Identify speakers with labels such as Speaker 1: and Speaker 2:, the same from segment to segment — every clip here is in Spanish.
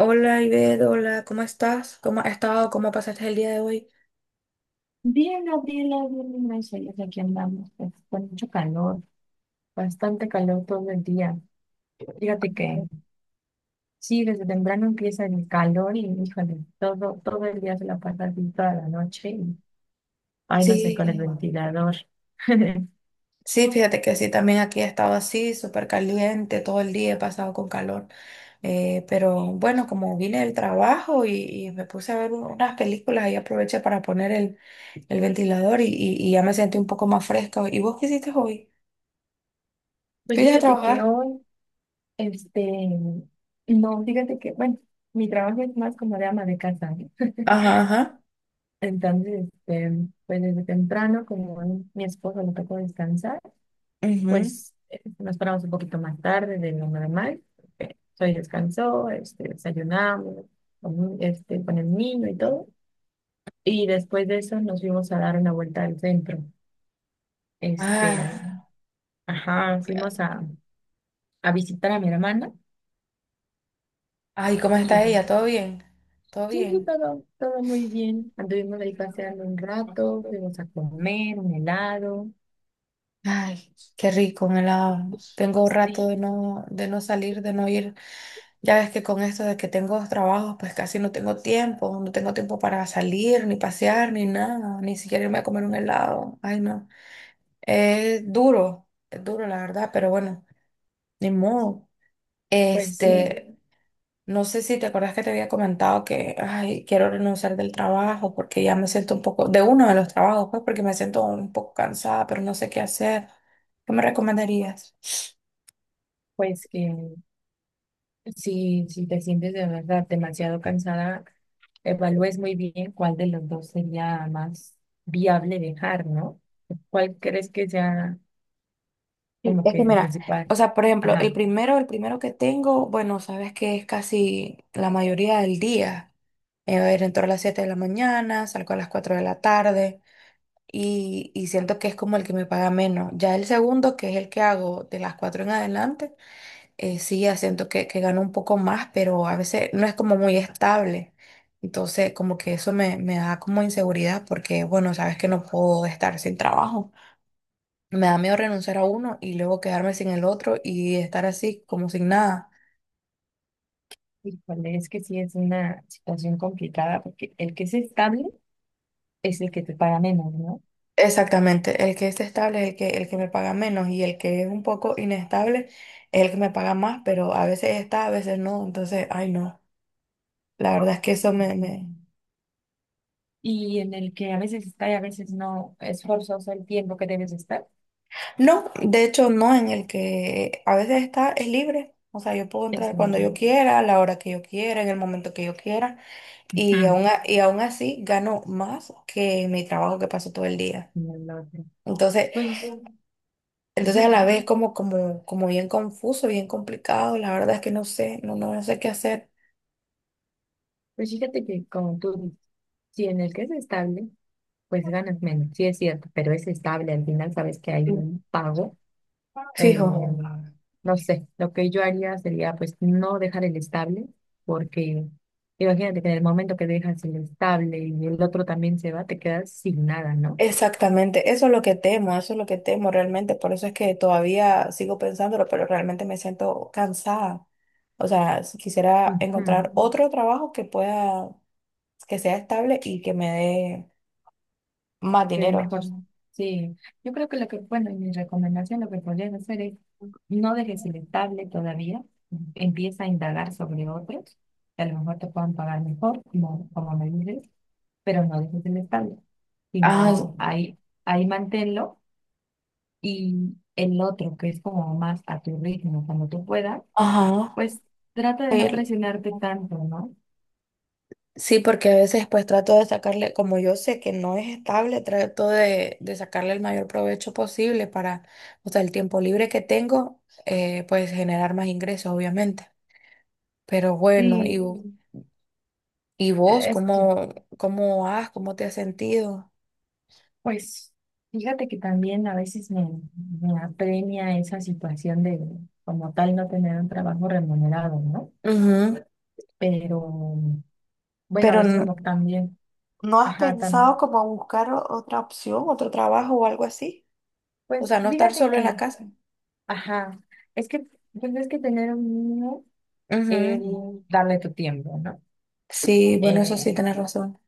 Speaker 1: Hola, Ivette, hola, ¿cómo estás? ¿Cómo has estado? ¿Cómo pasaste el día de hoy?
Speaker 2: Bien, Gabriela, bien, gracias. Ya Aquí andamos, pues, con mucho calor, bastante calor todo el día. Fíjate que sí, desde temprano empieza el calor y, híjole, todo el día se la pasa así toda la noche y, ay, no sé,
Speaker 1: Sí,
Speaker 2: con el ventilador.
Speaker 1: sí, fíjate que sí, también aquí he estado así, súper caliente, todo el día he pasado con calor. Pero bueno, como vine del trabajo y me puse a ver unas películas y aproveché para poner el ventilador y ya me sentí un poco más fresca. ¿Y vos qué hiciste hoy?
Speaker 2: Pues
Speaker 1: ¿Fuiste a
Speaker 2: fíjate
Speaker 1: trabajar?
Speaker 2: que hoy, este, no, fíjate que, bueno, mi trabajo es más como de ama de casa, ¿no?
Speaker 1: Ajá, ajá.
Speaker 2: Entonces, pues desde temprano, como a mi esposo le tocó descansar,
Speaker 1: Ujú.
Speaker 2: pues nos paramos un poquito más tarde de lo normal. Soy descansó, desayunamos con, con el niño y todo. Y después de eso nos fuimos a dar una vuelta al centro. Este,
Speaker 1: Ah,
Speaker 2: ajá,
Speaker 1: ya.
Speaker 2: fuimos a visitar a mi hermana
Speaker 1: Ay, ¿cómo
Speaker 2: y
Speaker 1: está ella?
Speaker 2: es,
Speaker 1: ¿Todo bien? ¿Todo
Speaker 2: sí,
Speaker 1: bien?
Speaker 2: todo, todo muy bien. Anduvimos ahí paseando un rato, fuimos a comer un helado.
Speaker 1: Ay, qué rico, un helado. Tengo un rato
Speaker 2: Sí,
Speaker 1: de no salir, de no ir. Ya ves que con esto de que tengo dos trabajos, pues casi no tengo tiempo, no tengo tiempo para salir, ni pasear, ni nada, ni siquiera irme a comer un helado. Ay, no. Es duro, la verdad, pero bueno, ni modo.
Speaker 2: sí,
Speaker 1: Este, no sé si te acuerdas que te había comentado que, ay, quiero renunciar del trabajo porque ya me siento un poco, de uno de los trabajos, pues porque me siento un poco cansada, pero no sé qué hacer. ¿Qué me recomendarías?
Speaker 2: pues que si, si te sientes de verdad demasiado cansada, evalúes muy bien cuál de los dos sería más viable dejar, ¿no? ¿Cuál crees que sea
Speaker 1: Sí,
Speaker 2: como
Speaker 1: es que
Speaker 2: que el
Speaker 1: mira,
Speaker 2: principal?
Speaker 1: o sea, por ejemplo, el
Speaker 2: Ajá.
Speaker 1: primero, el primero que tengo, bueno, sabes que es casi la mayoría del día. A ver, entro a las 7 de la mañana, salgo a las 4 de la tarde y siento que es como el que me paga menos. Ya el segundo, que es el que hago de las 4 en adelante, sí, ya siento que gano un poco más, pero a veces no es como muy estable. Entonces, como que eso me da como inseguridad porque, bueno, sabes que no puedo estar sin trabajo. Me da miedo renunciar a uno y luego quedarme sin el otro y estar así como sin nada.
Speaker 2: ¿Y cuál Es que sí es una situación complicada, porque el que es estable es el que te paga menos, ¿no?
Speaker 1: Exactamente, el que es estable es el que me paga menos y el que es un poco inestable es el que me paga más, pero a veces está, a veces no. Entonces, ay no, la verdad es que
Speaker 2: Es-
Speaker 1: eso me.
Speaker 2: Y en el que a veces está y a veces no, ¿es forzoso el tiempo que debes estar,
Speaker 1: No, de hecho no, en el que a veces está es libre. O sea, yo puedo
Speaker 2: es
Speaker 1: entrar cuando
Speaker 2: libre?
Speaker 1: yo quiera, a la hora que yo quiera, en el momento que yo quiera y
Speaker 2: Ujú.
Speaker 1: aún, a- y aún así gano más que en mi trabajo que paso todo el día.
Speaker 2: Y el otro.
Speaker 1: Entonces,
Speaker 2: Pues,
Speaker 1: entonces a
Speaker 2: ujú.
Speaker 1: la vez como bien confuso, bien complicado, la verdad es que no sé, no, no, no sé qué hacer.
Speaker 2: Pues fíjate que como tú dices, si en el que es estable, pues ganas menos. Sí, es cierto, pero es estable. Al final sabes que hay un pago. Eh,
Speaker 1: Fijo.
Speaker 2: no sé, lo que yo haría sería pues no dejar el estable, porque imagínate que en el momento que dejas el estable y el otro también se va, te quedas sin nada, ¿no?
Speaker 1: Exactamente, eso es lo que temo, eso es lo que temo realmente, por eso es que todavía sigo pensándolo, pero realmente me siento cansada. O sea, si quisiera
Speaker 2: Ujú.
Speaker 1: encontrar otro trabajo que pueda, que sea estable y que me dé más
Speaker 2: Se ve
Speaker 1: dinero.
Speaker 2: mejor. Sí, yo creo que lo que, bueno, y mi recomendación, lo que podrías hacer es no dejes el estable todavía, empieza a indagar sobre otros, que a lo mejor te puedan pagar mejor, como, como me dices, pero no dejes el estable,
Speaker 1: Ah,
Speaker 2: sino ahí, ahí manténlo y el otro, que es como más a tu ritmo, cuando tú puedas,
Speaker 1: ajá.
Speaker 2: pues trata de no presionarte tanto, ¿no?
Speaker 1: Sí, porque a veces pues trato de sacarle, como yo sé que no es estable, trato de sacarle el mayor provecho posible para, o sea, el tiempo libre que tengo, pues generar más ingresos, obviamente. Pero bueno.
Speaker 2: Sí,
Speaker 1: Ujú. ¿Y vos
Speaker 2: es que
Speaker 1: cómo te has sentido?
Speaker 2: pues fíjate que también a veces me, me apremia esa situación de como tal no tener un trabajo remunerado, ¿no?
Speaker 1: Ujú.
Speaker 2: Pero bueno, a
Speaker 1: Pero
Speaker 2: veces
Speaker 1: no,
Speaker 2: como que también,
Speaker 1: ¿no has
Speaker 2: ajá,
Speaker 1: pensado
Speaker 2: también.
Speaker 1: como buscar otra opción, otro trabajo o algo así? O
Speaker 2: Pues
Speaker 1: sea, no estar
Speaker 2: fíjate
Speaker 1: solo en la
Speaker 2: que,
Speaker 1: casa.
Speaker 2: ajá, es que pues es que tener uno es
Speaker 1: Ujú.
Speaker 2: darle tu tiempo, ¿no?
Speaker 1: Sí, bueno, eso
Speaker 2: Eh,
Speaker 1: sí, tenés razón.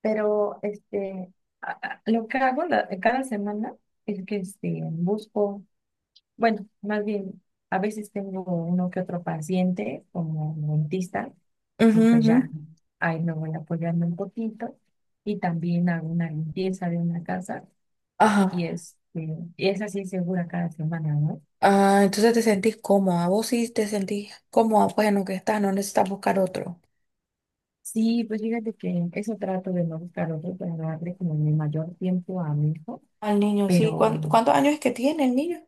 Speaker 2: pero lo que hago cada semana es que busco bueno, más bien, a veces tengo uno que otro paciente como dentista
Speaker 1: Ujú,
Speaker 2: y pues
Speaker 1: ujú.
Speaker 2: ya ahí me voy apoyando un poquito y también hago una limpieza de una casa
Speaker 1: Ajá.
Speaker 2: y es así segura cada semana, ¿no?
Speaker 1: Ah, entonces te sentís cómoda. Vos sí te sentís cómoda, bueno, que estás, no necesitas buscar otro.
Speaker 2: Sí, pues fíjate que eso trato de no buscar otro para darle como mi mayor tiempo a mi hijo,
Speaker 1: Al niño, sí.
Speaker 2: pero
Speaker 1: ¿Cuántos años es que tiene el niño?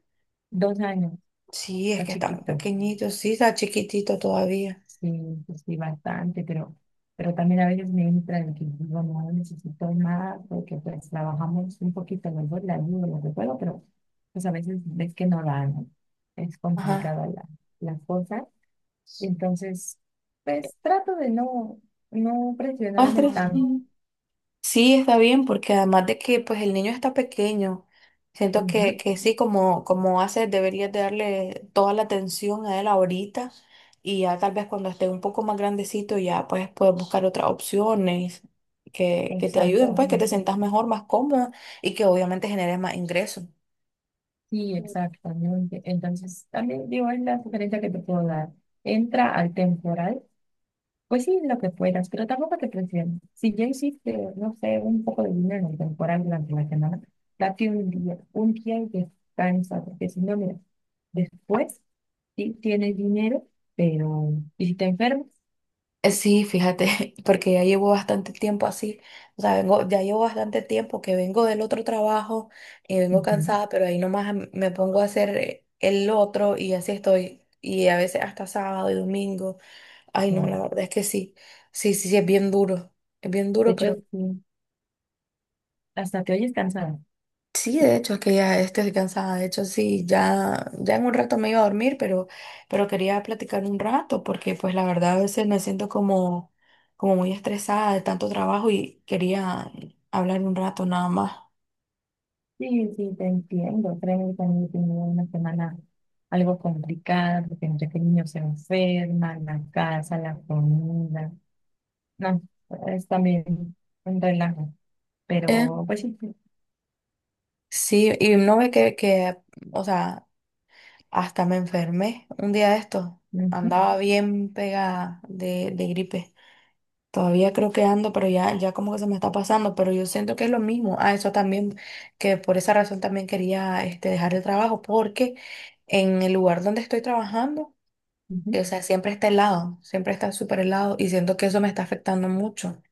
Speaker 2: 2 años,
Speaker 1: Sí, es
Speaker 2: está
Speaker 1: que está muy
Speaker 2: chiquito.
Speaker 1: pequeñito, sí, está chiquitito todavía.
Speaker 2: Sí, pues sí, bastante, pero también a veces me entra de que digo, no necesito más, porque pues trabajamos un poquito, luego la ayuda, lo que puedo, pero pues a veces ves que no dan, ¿no? Es
Speaker 1: Ajá.
Speaker 2: complicada la, la cosa, entonces pues trato de no, no
Speaker 1: ¿Más
Speaker 2: presionarme
Speaker 1: tres?
Speaker 2: tanto.
Speaker 1: Sí, está bien, porque además de que pues el niño está pequeño, siento que,
Speaker 2: Ujú,
Speaker 1: que sí, como, como hace, deberías de darle toda la atención a él ahorita y ya tal vez cuando esté un poco más grandecito ya pues puedes buscar otras opciones que te ayuden,
Speaker 2: exacto,
Speaker 1: pues que
Speaker 2: ¿no?
Speaker 1: te sientas mejor, más cómoda y que obviamente generes más ingresos.
Speaker 2: Sí, exactamente. Entonces también digo, es la sugerencia que te puedo dar, entra al temporal. Pues sí, lo que puedas, pero tampoco te presiones. Si ya hiciste, no sé, un poco de dinero temporal durante la semana, date un día y descansa, porque si no, mira, después sí tienes dinero, pero ¿y si te enfermas?
Speaker 1: Sí, fíjate, porque ya llevo bastante tiempo así, o sea, vengo, ya llevo bastante tiempo que vengo del otro trabajo y vengo
Speaker 2: Ujú,
Speaker 1: cansada, pero ahí nomás me pongo a hacer el otro y así estoy, y a veces hasta sábado y domingo, ay no,
Speaker 2: sí.
Speaker 1: la verdad es que sí, sí, sí, sí, es bien
Speaker 2: De
Speaker 1: duro,
Speaker 2: hecho,
Speaker 1: pero...
Speaker 2: sí, hasta te oyes cansada.
Speaker 1: Sí, de hecho, es que ya estoy cansada. De hecho, sí, ya, ya en un rato me iba a dormir, pero quería platicar un rato porque, pues, la verdad, a veces me siento como, como muy estresada de tanto trabajo y quería hablar un rato nada más.
Speaker 2: Sí, sí, te entiendo. Créeme, que también he tenido una semana algo complicada, porque entre que el niño se enferma, la casa, la comida, no, es también un relajo.
Speaker 1: Eh,
Speaker 2: Pero, pues sí, sí,
Speaker 1: sí, y no ve que, o sea, hasta me enfermé un día de esto.
Speaker 2: ujú,
Speaker 1: Andaba bien pegada de gripe. Todavía creo que ando, pero ya, ya como que se me está pasando, pero yo siento que es lo mismo. Ah, eso también, que por esa razón también quería este, dejar el trabajo, porque en el lugar donde estoy trabajando,
Speaker 2: ujú,
Speaker 1: o sea, siempre está helado, siempre está súper helado y siento que eso me está afectando mucho.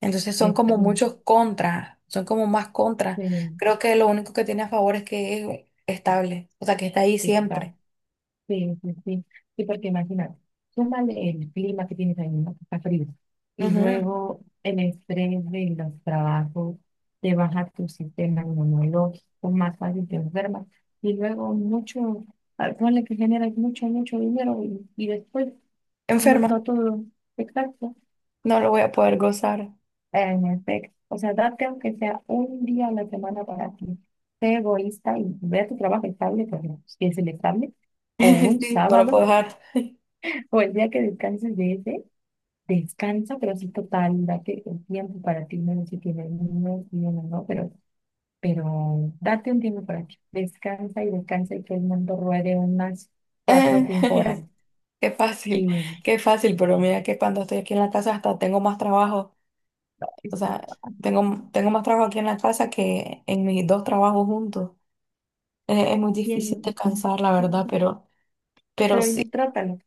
Speaker 1: Entonces son
Speaker 2: es
Speaker 1: como
Speaker 2: que,
Speaker 1: muchos contras, son como más contras.
Speaker 2: sí,
Speaker 1: Creo que lo único que tiene a favor es que es estable, o sea, que está ahí
Speaker 2: exacto,
Speaker 1: siempre.
Speaker 2: sí, sí, sí, sí, porque imagínate, súmale el clima que tienes ahí, ¿no? Que está frío, y
Speaker 1: Ujú.
Speaker 2: luego el estrés de los trabajos, te baja tu sistema inmunológico, más fácil te enfermas, y luego mucho, ah, ponle que generas mucho dinero, y después, no,
Speaker 1: Enferma,
Speaker 2: no todo, exacto.
Speaker 1: no lo voy a poder gozar.
Speaker 2: En efecto, o sea, date aunque sea un día a la semana para ti. Sé egoísta y ve a tu trabajo estable, por ejemplo, si es el estable, o un
Speaker 1: Sí, no lo puedo
Speaker 2: sábado,
Speaker 1: dejar.
Speaker 2: o el día que descanses de ese, descansa, pero sí total, date un tiempo para ti, no sé si tienes niños, niños, no, no, pero date un tiempo para ti. Descansa y descansa y que el mundo ruede unas 4 o 5 horas.
Speaker 1: Qué
Speaker 2: Sí,
Speaker 1: fácil,
Speaker 2: no,
Speaker 1: qué fácil, pero mira que cuando estoy aquí en la casa hasta tengo más trabajo, o
Speaker 2: es
Speaker 1: sea,
Speaker 2: bastante
Speaker 1: tengo más trabajo aquí en la casa que en mis dos trabajos juntos. Es muy difícil
Speaker 2: bien.
Speaker 1: descansar, la
Speaker 2: Sí,
Speaker 1: verdad, pero
Speaker 2: pero
Speaker 1: sí,
Speaker 2: trátalo.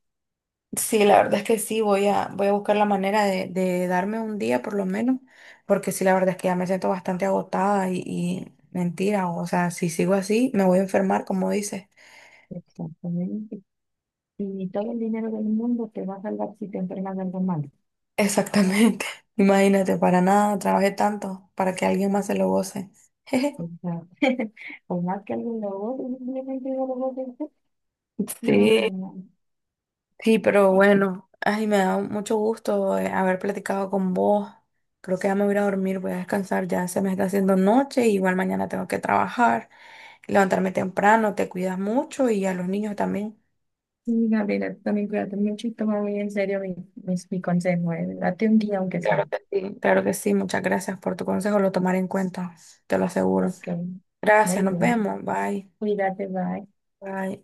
Speaker 1: sí, la verdad es que sí, voy a buscar la manera de darme un día por lo menos, porque sí, la verdad es que ya me siento bastante agotada y mentira, o sea, si sigo así, me voy a enfermar, como dices.
Speaker 2: Exactamente. Y todo el dinero del mundo te va a salvar si te entregas algo mal.
Speaker 1: Exactamente, imagínate, para nada, trabajé tanto para que alguien más se lo goce.
Speaker 2: O sea, por más que algo lo goce, simplemente no lo goce hacer. No,
Speaker 1: Sí,
Speaker 2: no, no.
Speaker 1: sí, pero bueno, ay, me da mucho gusto haber platicado con vos. Creo que ya me voy a ir a dormir, voy a descansar, ya se me está haciendo noche, igual mañana tengo que trabajar, levantarme temprano, te cuidas mucho y a los niños también.
Speaker 2: Y, Gabriela, tú también cuídate mucho y toma muy en serio mi, mi consejo. Date un día aunque
Speaker 1: Claro
Speaker 2: sea.
Speaker 1: que sí. Claro que sí, muchas gracias por tu consejo, lo tomaré en cuenta, te lo aseguro.
Speaker 2: Ok, muy
Speaker 1: Gracias, nos
Speaker 2: bien.
Speaker 1: vemos, bye,
Speaker 2: Cuídate, bye.
Speaker 1: bye.